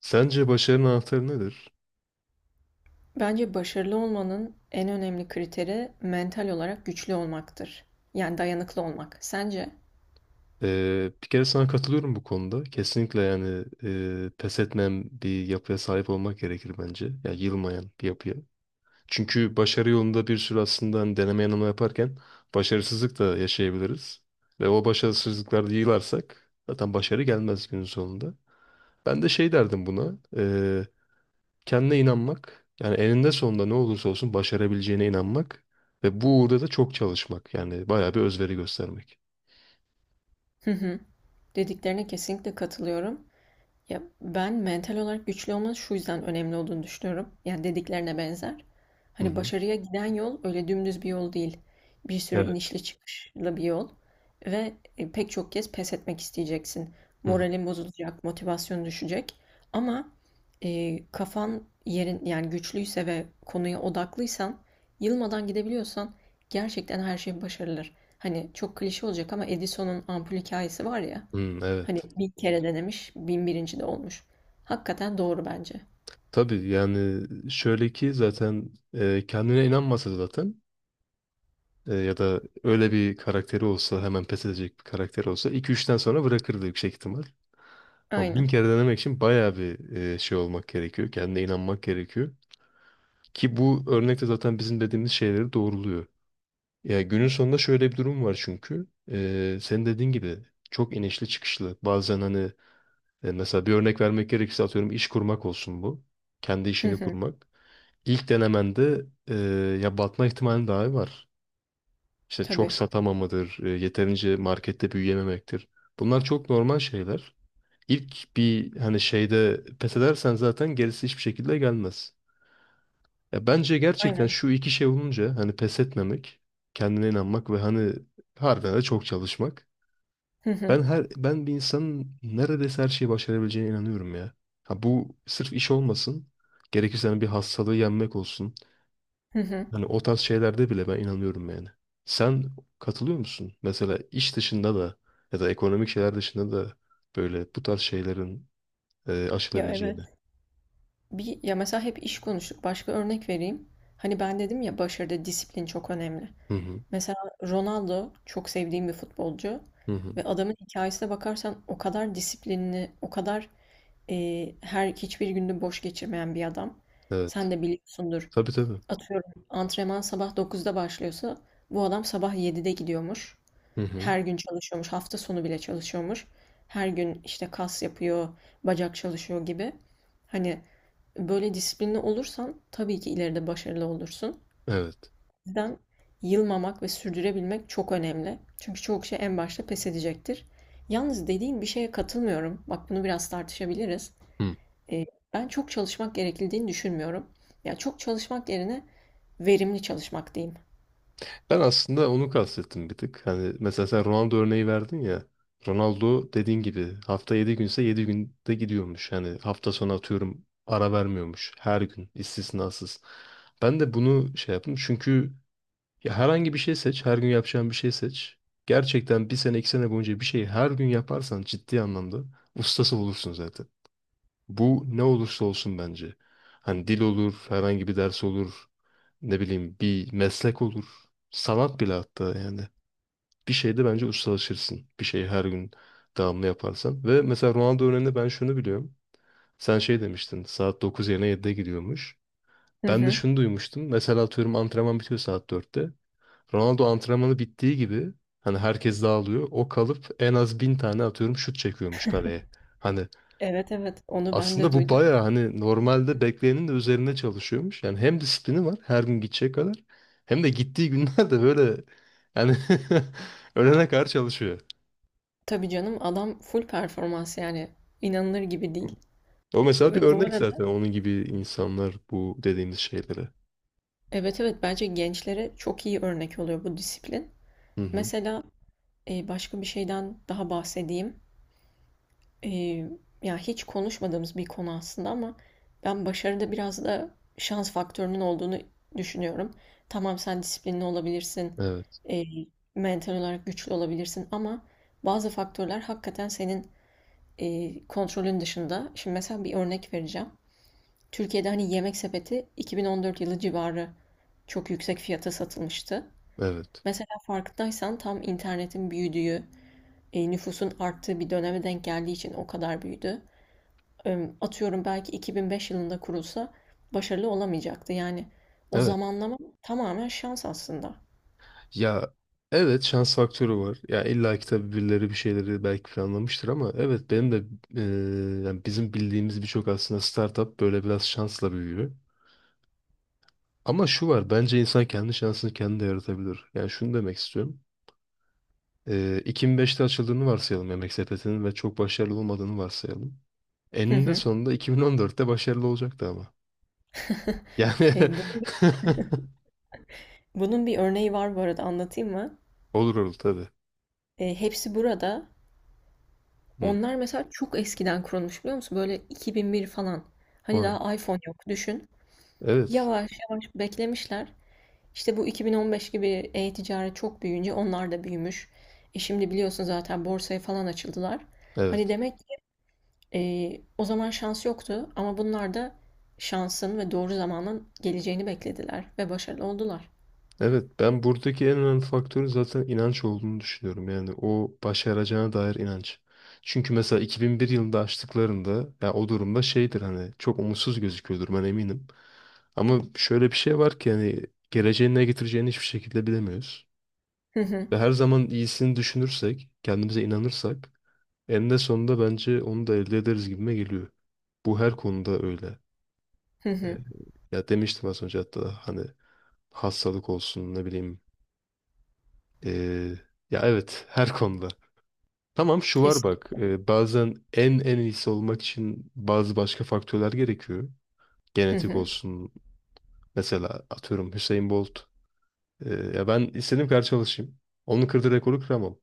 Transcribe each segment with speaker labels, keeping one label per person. Speaker 1: Sence başarının anahtarı nedir?
Speaker 2: Bence başarılı olmanın en önemli kriteri mental olarak güçlü olmaktır. Yani dayanıklı olmak. Sence?
Speaker 1: Bir kere sana katılıyorum bu konuda. Kesinlikle yani pes etmeyen bir yapıya sahip olmak gerekir bence. Ya yılmayan bir yapıya. Çünkü başarı yolunda bir sürü aslında hani deneme yanılma yaparken başarısızlık da yaşayabiliriz. Ve o başarısızlıklarda yığılarsak zaten başarı gelmez günün sonunda. Ben de şey derdim buna. Kendine inanmak. Yani eninde sonunda ne olursa olsun başarabileceğine inanmak. Ve bu uğurda da çok çalışmak. Yani bayağı bir özveri göstermek.
Speaker 2: Hı hı. Dediklerine kesinlikle katılıyorum. Ya ben mental olarak güçlü olmanın şu yüzden önemli olduğunu düşünüyorum. Yani dediklerine benzer.
Speaker 1: Hı
Speaker 2: Hani
Speaker 1: hı.
Speaker 2: başarıya giden yol öyle dümdüz bir yol değil. Bir sürü
Speaker 1: Evet.
Speaker 2: inişli çıkışlı bir yol. Ve pek çok kez pes etmek isteyeceksin.
Speaker 1: Hı hı.
Speaker 2: Moralin bozulacak, motivasyon düşecek. Ama kafan yerin yani güçlüyse ve konuya odaklıysan, yılmadan gidebiliyorsan gerçekten her şey başarılır. Hani çok klişe olacak ama Edison'un ampul hikayesi var ya.
Speaker 1: Hı, evet.
Speaker 2: Hani bir kere denemiş, 1001. de olmuş. Hakikaten doğru bence.
Speaker 1: Tabii yani şöyle ki zaten kendine inanmasa zaten ya da öyle bir karakteri olsa hemen pes edecek bir karakteri olsa iki üçten sonra bırakırdı yüksek ihtimal. Ama bin
Speaker 2: Aynen.
Speaker 1: kere denemek için bayağı bir şey olmak gerekiyor. Kendine inanmak gerekiyor. Ki bu örnekte zaten bizim dediğimiz şeyleri doğruluyor. Ya günün sonunda şöyle bir durum var çünkü. Senin dediğin gibi çok inişli çıkışlı. Bazen hani Mesela bir örnek vermek gerekirse atıyorum iş kurmak olsun bu. Kendi
Speaker 2: Hı
Speaker 1: işini
Speaker 2: hı.
Speaker 1: kurmak. İlk denemende ya batma ihtimali dahi var. İşte çok
Speaker 2: Tabii.
Speaker 1: satamamadır, yeterince markette büyüyememektir. Bunlar çok normal şeyler. İlk bir hani şeyde pes edersen zaten gerisi hiçbir şekilde gelmez. Ya bence gerçekten
Speaker 2: Aynen.
Speaker 1: şu iki şey olunca hani pes etmemek, kendine inanmak ve hani harbiden de çok çalışmak.
Speaker 2: Hı hı.
Speaker 1: Ben bir insanın neredeyse her şeyi başarabileceğine inanıyorum ya. Ha bu sırf iş olmasın. Gerekirse hani bir hastalığı yenmek olsun.
Speaker 2: Hı hı.
Speaker 1: Hani o tarz şeylerde bile ben inanıyorum yani. Sen katılıyor musun? Mesela iş dışında da ya da ekonomik şeyler dışında da böyle bu tarz şeylerin
Speaker 2: Ya
Speaker 1: aşılabileceğine.
Speaker 2: evet. Bir, ya mesela hep iş konuştuk. Başka örnek vereyim. Hani ben dedim ya başarıda disiplin çok önemli.
Speaker 1: Hı hı.
Speaker 2: Mesela Ronaldo çok sevdiğim bir futbolcu.
Speaker 1: Hı hı.
Speaker 2: Ve adamın hikayesine bakarsan o kadar disiplinli, o kadar e, her hiçbir gününü boş geçirmeyen bir adam. Sen
Speaker 1: Evet.
Speaker 2: de biliyorsundur.
Speaker 1: Tabii tabii.
Speaker 2: Atıyorum antrenman sabah 9'da başlıyorsa bu adam sabah 7'de gidiyormuş.
Speaker 1: Hı hı.
Speaker 2: Her gün çalışıyormuş. Hafta sonu bile çalışıyormuş. Her gün işte kas yapıyor, bacak çalışıyor gibi. Hani böyle disiplinli olursan tabii ki ileride başarılı olursun.
Speaker 1: Evet.
Speaker 2: O yüzden yılmamak ve sürdürebilmek çok önemli. Çünkü çoğu kişi en başta pes edecektir. Yalnız dediğin bir şeye katılmıyorum. Bak bunu biraz tartışabiliriz.
Speaker 1: Hı.
Speaker 2: E, Ben çok çalışmak gerekildiğini düşünmüyorum. Ya çok çalışmak yerine verimli çalışmak diyeyim.
Speaker 1: Ben aslında onu kastettim bir tık. Hani mesela sen Ronaldo örneği verdin ya. Ronaldo dediğin gibi hafta 7 günse 7 günde gidiyormuş. Yani hafta sonu atıyorum ara vermiyormuş. Her gün istisnasız. Ben de bunu şey yaptım. Çünkü ya herhangi bir şey seç. Her gün yapacağın bir şey seç. Gerçekten bir sene iki sene boyunca bir şeyi her gün yaparsan ciddi anlamda ustası olursun zaten. Bu ne olursa olsun bence. Hani dil olur, herhangi bir ders olur ne bileyim bir meslek olur. Sanat bile hatta yani. Bir şeyde bence ustalaşırsın. Bir şeyi her gün devamlı yaparsan. Ve mesela Ronaldo örneğinde ben şunu biliyorum. Sen şey demiştin saat 9 yerine 7'de gidiyormuş.
Speaker 2: Hı
Speaker 1: Ben de
Speaker 2: hı.
Speaker 1: şunu duymuştum. Mesela atıyorum antrenman bitiyor saat 4'te. Ronaldo antrenmanı bittiği gibi hani herkes dağılıyor. O kalıp en az 1000 tane atıyorum şut çekiyormuş kaleye. Hani
Speaker 2: Evet, evet, onu ben
Speaker 1: aslında
Speaker 2: de
Speaker 1: bu
Speaker 2: duydum.
Speaker 1: bayağı hani normalde bekleyenin de üzerine çalışıyormuş. Yani hem disiplini var her gün gidecek kadar hem de gittiği günlerde böyle yani ölene kadar çalışıyor.
Speaker 2: Tabii canım, adam full performans yani inanılır gibi değil.
Speaker 1: O mesela bir
Speaker 2: Ve bu
Speaker 1: örnek zaten
Speaker 2: arada
Speaker 1: onun gibi insanlar bu dediğimiz şeylere.
Speaker 2: evet, evet, bence gençlere çok iyi örnek oluyor bu disiplin.
Speaker 1: Hı hı.
Speaker 2: Mesela başka bir şeyden daha bahsedeyim. Eee, ya, hiç konuşmadığımız bir konu aslında ama ben başarıda biraz da şans faktörünün olduğunu düşünüyorum. Tamam, sen disiplinli olabilirsin,
Speaker 1: Evet,
Speaker 2: eee, mental olarak güçlü olabilirsin ama bazı faktörler hakikaten senin kontrolün dışında. Şimdi mesela bir örnek vereceğim. Türkiye'de hani Yemek Sepeti 2014 yılı civarı çok yüksek fiyata satılmıştı.
Speaker 1: evet,
Speaker 2: Mesela farkındaysan tam internetin büyüdüğü, nüfusun arttığı bir döneme denk geldiği için o kadar büyüdü. Atıyorum belki 2005 yılında kurulsa başarılı olamayacaktı. Yani o
Speaker 1: evet.
Speaker 2: zamanlama tamamen şans aslında.
Speaker 1: Ya evet şans faktörü var. Ya illa ki tabii birileri bir şeyleri belki planlamıştır ama evet benim de yani bizim bildiğimiz birçok aslında startup böyle biraz şansla büyüyor. Ama şu var bence insan kendi şansını kendi de yaratabilir. Yani şunu demek istiyorum. 2005'te açıldığını varsayalım Yemek Sepeti'nin ve çok başarılı olmadığını varsayalım.
Speaker 2: Hı
Speaker 1: Eninde
Speaker 2: hı.
Speaker 1: sonunda 2014'te başarılı olacaktı ama.
Speaker 2: Eee,
Speaker 1: Yani
Speaker 2: bunun bunun bir örneği var, bu arada anlatayım mı?
Speaker 1: olur olur tabii.
Speaker 2: Hepsi Burada.
Speaker 1: Hı.
Speaker 2: Onlar mesela çok eskiden kurulmuş, biliyor musun? Böyle 2001 falan. Hani
Speaker 1: Vay.
Speaker 2: daha iPhone yok, düşün.
Speaker 1: Evet.
Speaker 2: Yavaş yavaş beklemişler. İşte bu 2015 gibi e-ticaret çok büyüyünce onlar da büyümüş. Şimdi biliyorsun zaten borsaya falan açıldılar. Hani
Speaker 1: Evet.
Speaker 2: demek, o zaman şans yoktu ama bunlar da şansın ve doğru zamanın geleceğini beklediler ve başarılı oldular.
Speaker 1: Evet, ben buradaki en önemli faktörün zaten inanç olduğunu düşünüyorum. Yani o başaracağına dair inanç. Çünkü mesela 2001 yılında açtıklarında ya o durumda şeydir hani çok umutsuz gözüküyordur ben eminim. Ama şöyle bir şey var ki hani geleceğin ne getireceğini hiçbir şekilde bilemiyoruz.
Speaker 2: Hı hı,
Speaker 1: Ve her zaman iyisini düşünürsek, kendimize inanırsak eninde sonunda bence onu da elde ederiz gibime geliyor. Bu her konuda öyle.
Speaker 2: hı
Speaker 1: Ee,
Speaker 2: hı,
Speaker 1: Ya demiştim az önce hatta hani hastalık olsun ne bileyim Ee, ya evet her konuda. Tamam şu var
Speaker 2: kesin.
Speaker 1: bak bazen en iyisi olmak için bazı başka faktörler gerekiyor.
Speaker 2: Hı
Speaker 1: Genetik
Speaker 2: hı,
Speaker 1: olsun mesela atıyorum Hüseyin Bolt. Ee, ya ben istediğim kadar çalışayım. Onun kırdığı rekoru kıramam.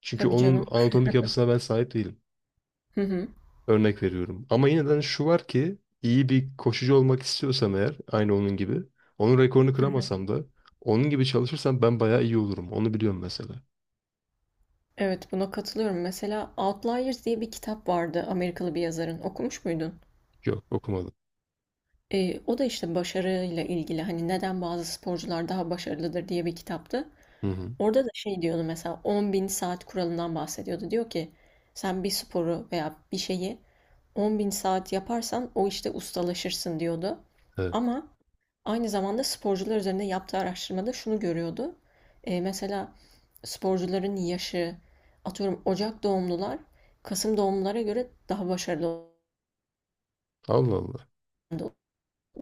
Speaker 1: Çünkü
Speaker 2: tabii
Speaker 1: onun
Speaker 2: canım.
Speaker 1: anatomik yapısına ben sahip değilim.
Speaker 2: Hı hı.
Speaker 1: Örnek veriyorum. Ama yine de hani şu var ki iyi bir koşucu olmak istiyorsam eğer aynı onun gibi. Onun rekorunu kıramasam da onun gibi çalışırsam ben bayağı iyi olurum. Onu biliyorum mesela.
Speaker 2: Evet, buna katılıyorum. Mesela Outliers diye bir kitap vardı, Amerikalı bir yazarın. Okumuş muydun?
Speaker 1: Yok okumadım.
Speaker 2: O da işte başarıyla ilgili, hani neden bazı sporcular daha başarılıdır diye bir kitaptı.
Speaker 1: Hı hı.
Speaker 2: Orada da şey diyordu, mesela 10.000 saat kuralından bahsediyordu. Diyor ki sen bir sporu veya bir şeyi 10.000 saat yaparsan o işte ustalaşırsın diyordu.
Speaker 1: Evet.
Speaker 2: Ama aynı zamanda sporcular üzerinde yaptığı araştırmada şunu görüyordu. Mesela sporcuların yaşı, atıyorum Ocak doğumlular Kasım doğumlulara göre daha başarılı.
Speaker 1: Allah Allah.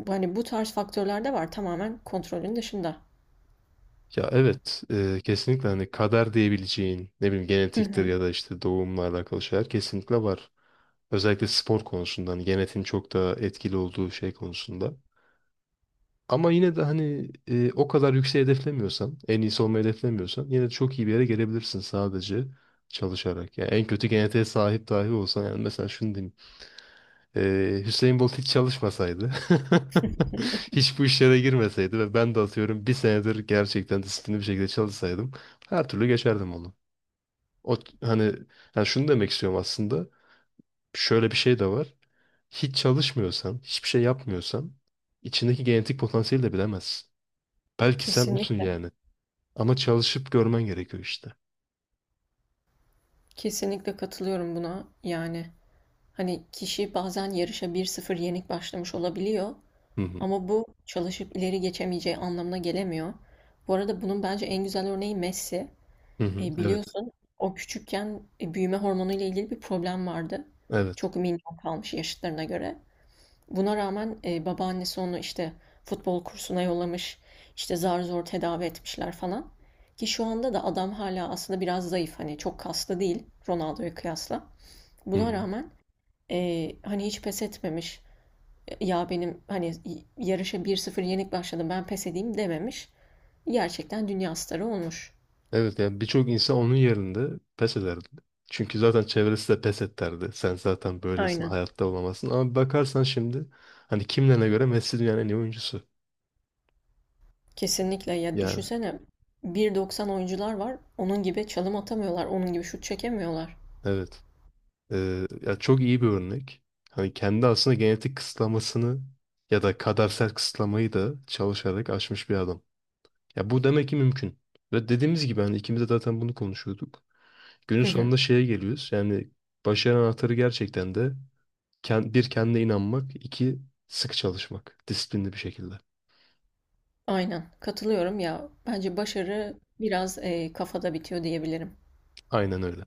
Speaker 2: Hani bu tarz faktörler de var, tamamen kontrolün dışında.
Speaker 1: Ya evet kesinlikle hani kader diyebileceğin ne bileyim
Speaker 2: Hı
Speaker 1: genetiktir
Speaker 2: hı.
Speaker 1: ya da işte doğumla alakalı şeyler kesinlikle var. Özellikle spor konusunda hani genetin çok da etkili olduğu şey konusunda. Ama yine de hani o kadar yüksek hedeflemiyorsan, en iyisi olmayı hedeflemiyorsan yine de çok iyi bir yere gelebilirsin sadece çalışarak. Yani en kötü genetiğe sahip dahi olsan yani mesela şunu diyeyim. Hüseyin Bolt hiç çalışmasaydı, hiç bu işlere girmeseydi ve ben de atıyorum bir senedir gerçekten disiplinli bir şekilde çalışsaydım her türlü geçerdim onu. O hani yani şunu demek istiyorum aslında. Şöyle bir şey de var. Hiç çalışmıyorsan, hiçbir şey yapmıyorsan içindeki genetik potansiyeli de bilemezsin. Belki sen olsun
Speaker 2: Kesinlikle.
Speaker 1: yani. Ama çalışıp görmen gerekiyor işte.
Speaker 2: Kesinlikle katılıyorum buna yani. Hani kişi bazen yarışa 1-0 yenik başlamış olabiliyor
Speaker 1: Hı hı.
Speaker 2: ama bu çalışıp ileri geçemeyeceği anlamına gelemiyor. Bu arada bunun bence en güzel örneği Messi.
Speaker 1: Hı hı. Evet.
Speaker 2: Biliyorsun, o küçükken büyüme hormonu ile ilgili bir problem vardı.
Speaker 1: Evet.
Speaker 2: Çok minyon kalmış yaşıtlarına göre. Buna rağmen babaannesi onu işte futbol kursuna yollamış, işte zar zor tedavi etmişler falan. Ki şu anda da adam hala aslında biraz zayıf, hani çok kaslı değil Ronaldo'ya kıyasla.
Speaker 1: Hı
Speaker 2: Buna
Speaker 1: hı.
Speaker 2: rağmen hani hiç pes etmemiş. Ya benim hani yarışa 1-0 yenik başladım, ben pes edeyim dememiş. Gerçekten dünya starı olmuş.
Speaker 1: Evet yani birçok insan onun yerinde pes ederdi. Çünkü zaten çevresi de pes et derdi. Sen zaten böylesin,
Speaker 2: Aynen.
Speaker 1: hayatta olamazsın. Ama bakarsan şimdi hani kimlerine göre Messi dünyanın en iyi oyuncusu.
Speaker 2: Kesinlikle ya,
Speaker 1: Yani
Speaker 2: düşünsene 1,90 oyuncular var. Onun gibi çalım atamıyorlar. Onun gibi şut çekemiyorlar.
Speaker 1: evet. Ya çok iyi bir örnek. Hani kendi aslında genetik kısıtlamasını ya da kadersel kısıtlamayı da çalışarak aşmış bir adam. Ya bu demek ki mümkün. Ve dediğimiz gibi hani ikimiz de zaten bunu konuşuyorduk. Günün
Speaker 2: Hı hı.
Speaker 1: sonunda şeye geliyoruz. Yani başarı anahtarı gerçekten de bir kendine inanmak, iki sıkı çalışmak, disiplinli bir şekilde.
Speaker 2: Aynen. Katılıyorum ya. Bence başarı biraz kafada bitiyor diyebilirim.
Speaker 1: Aynen öyle.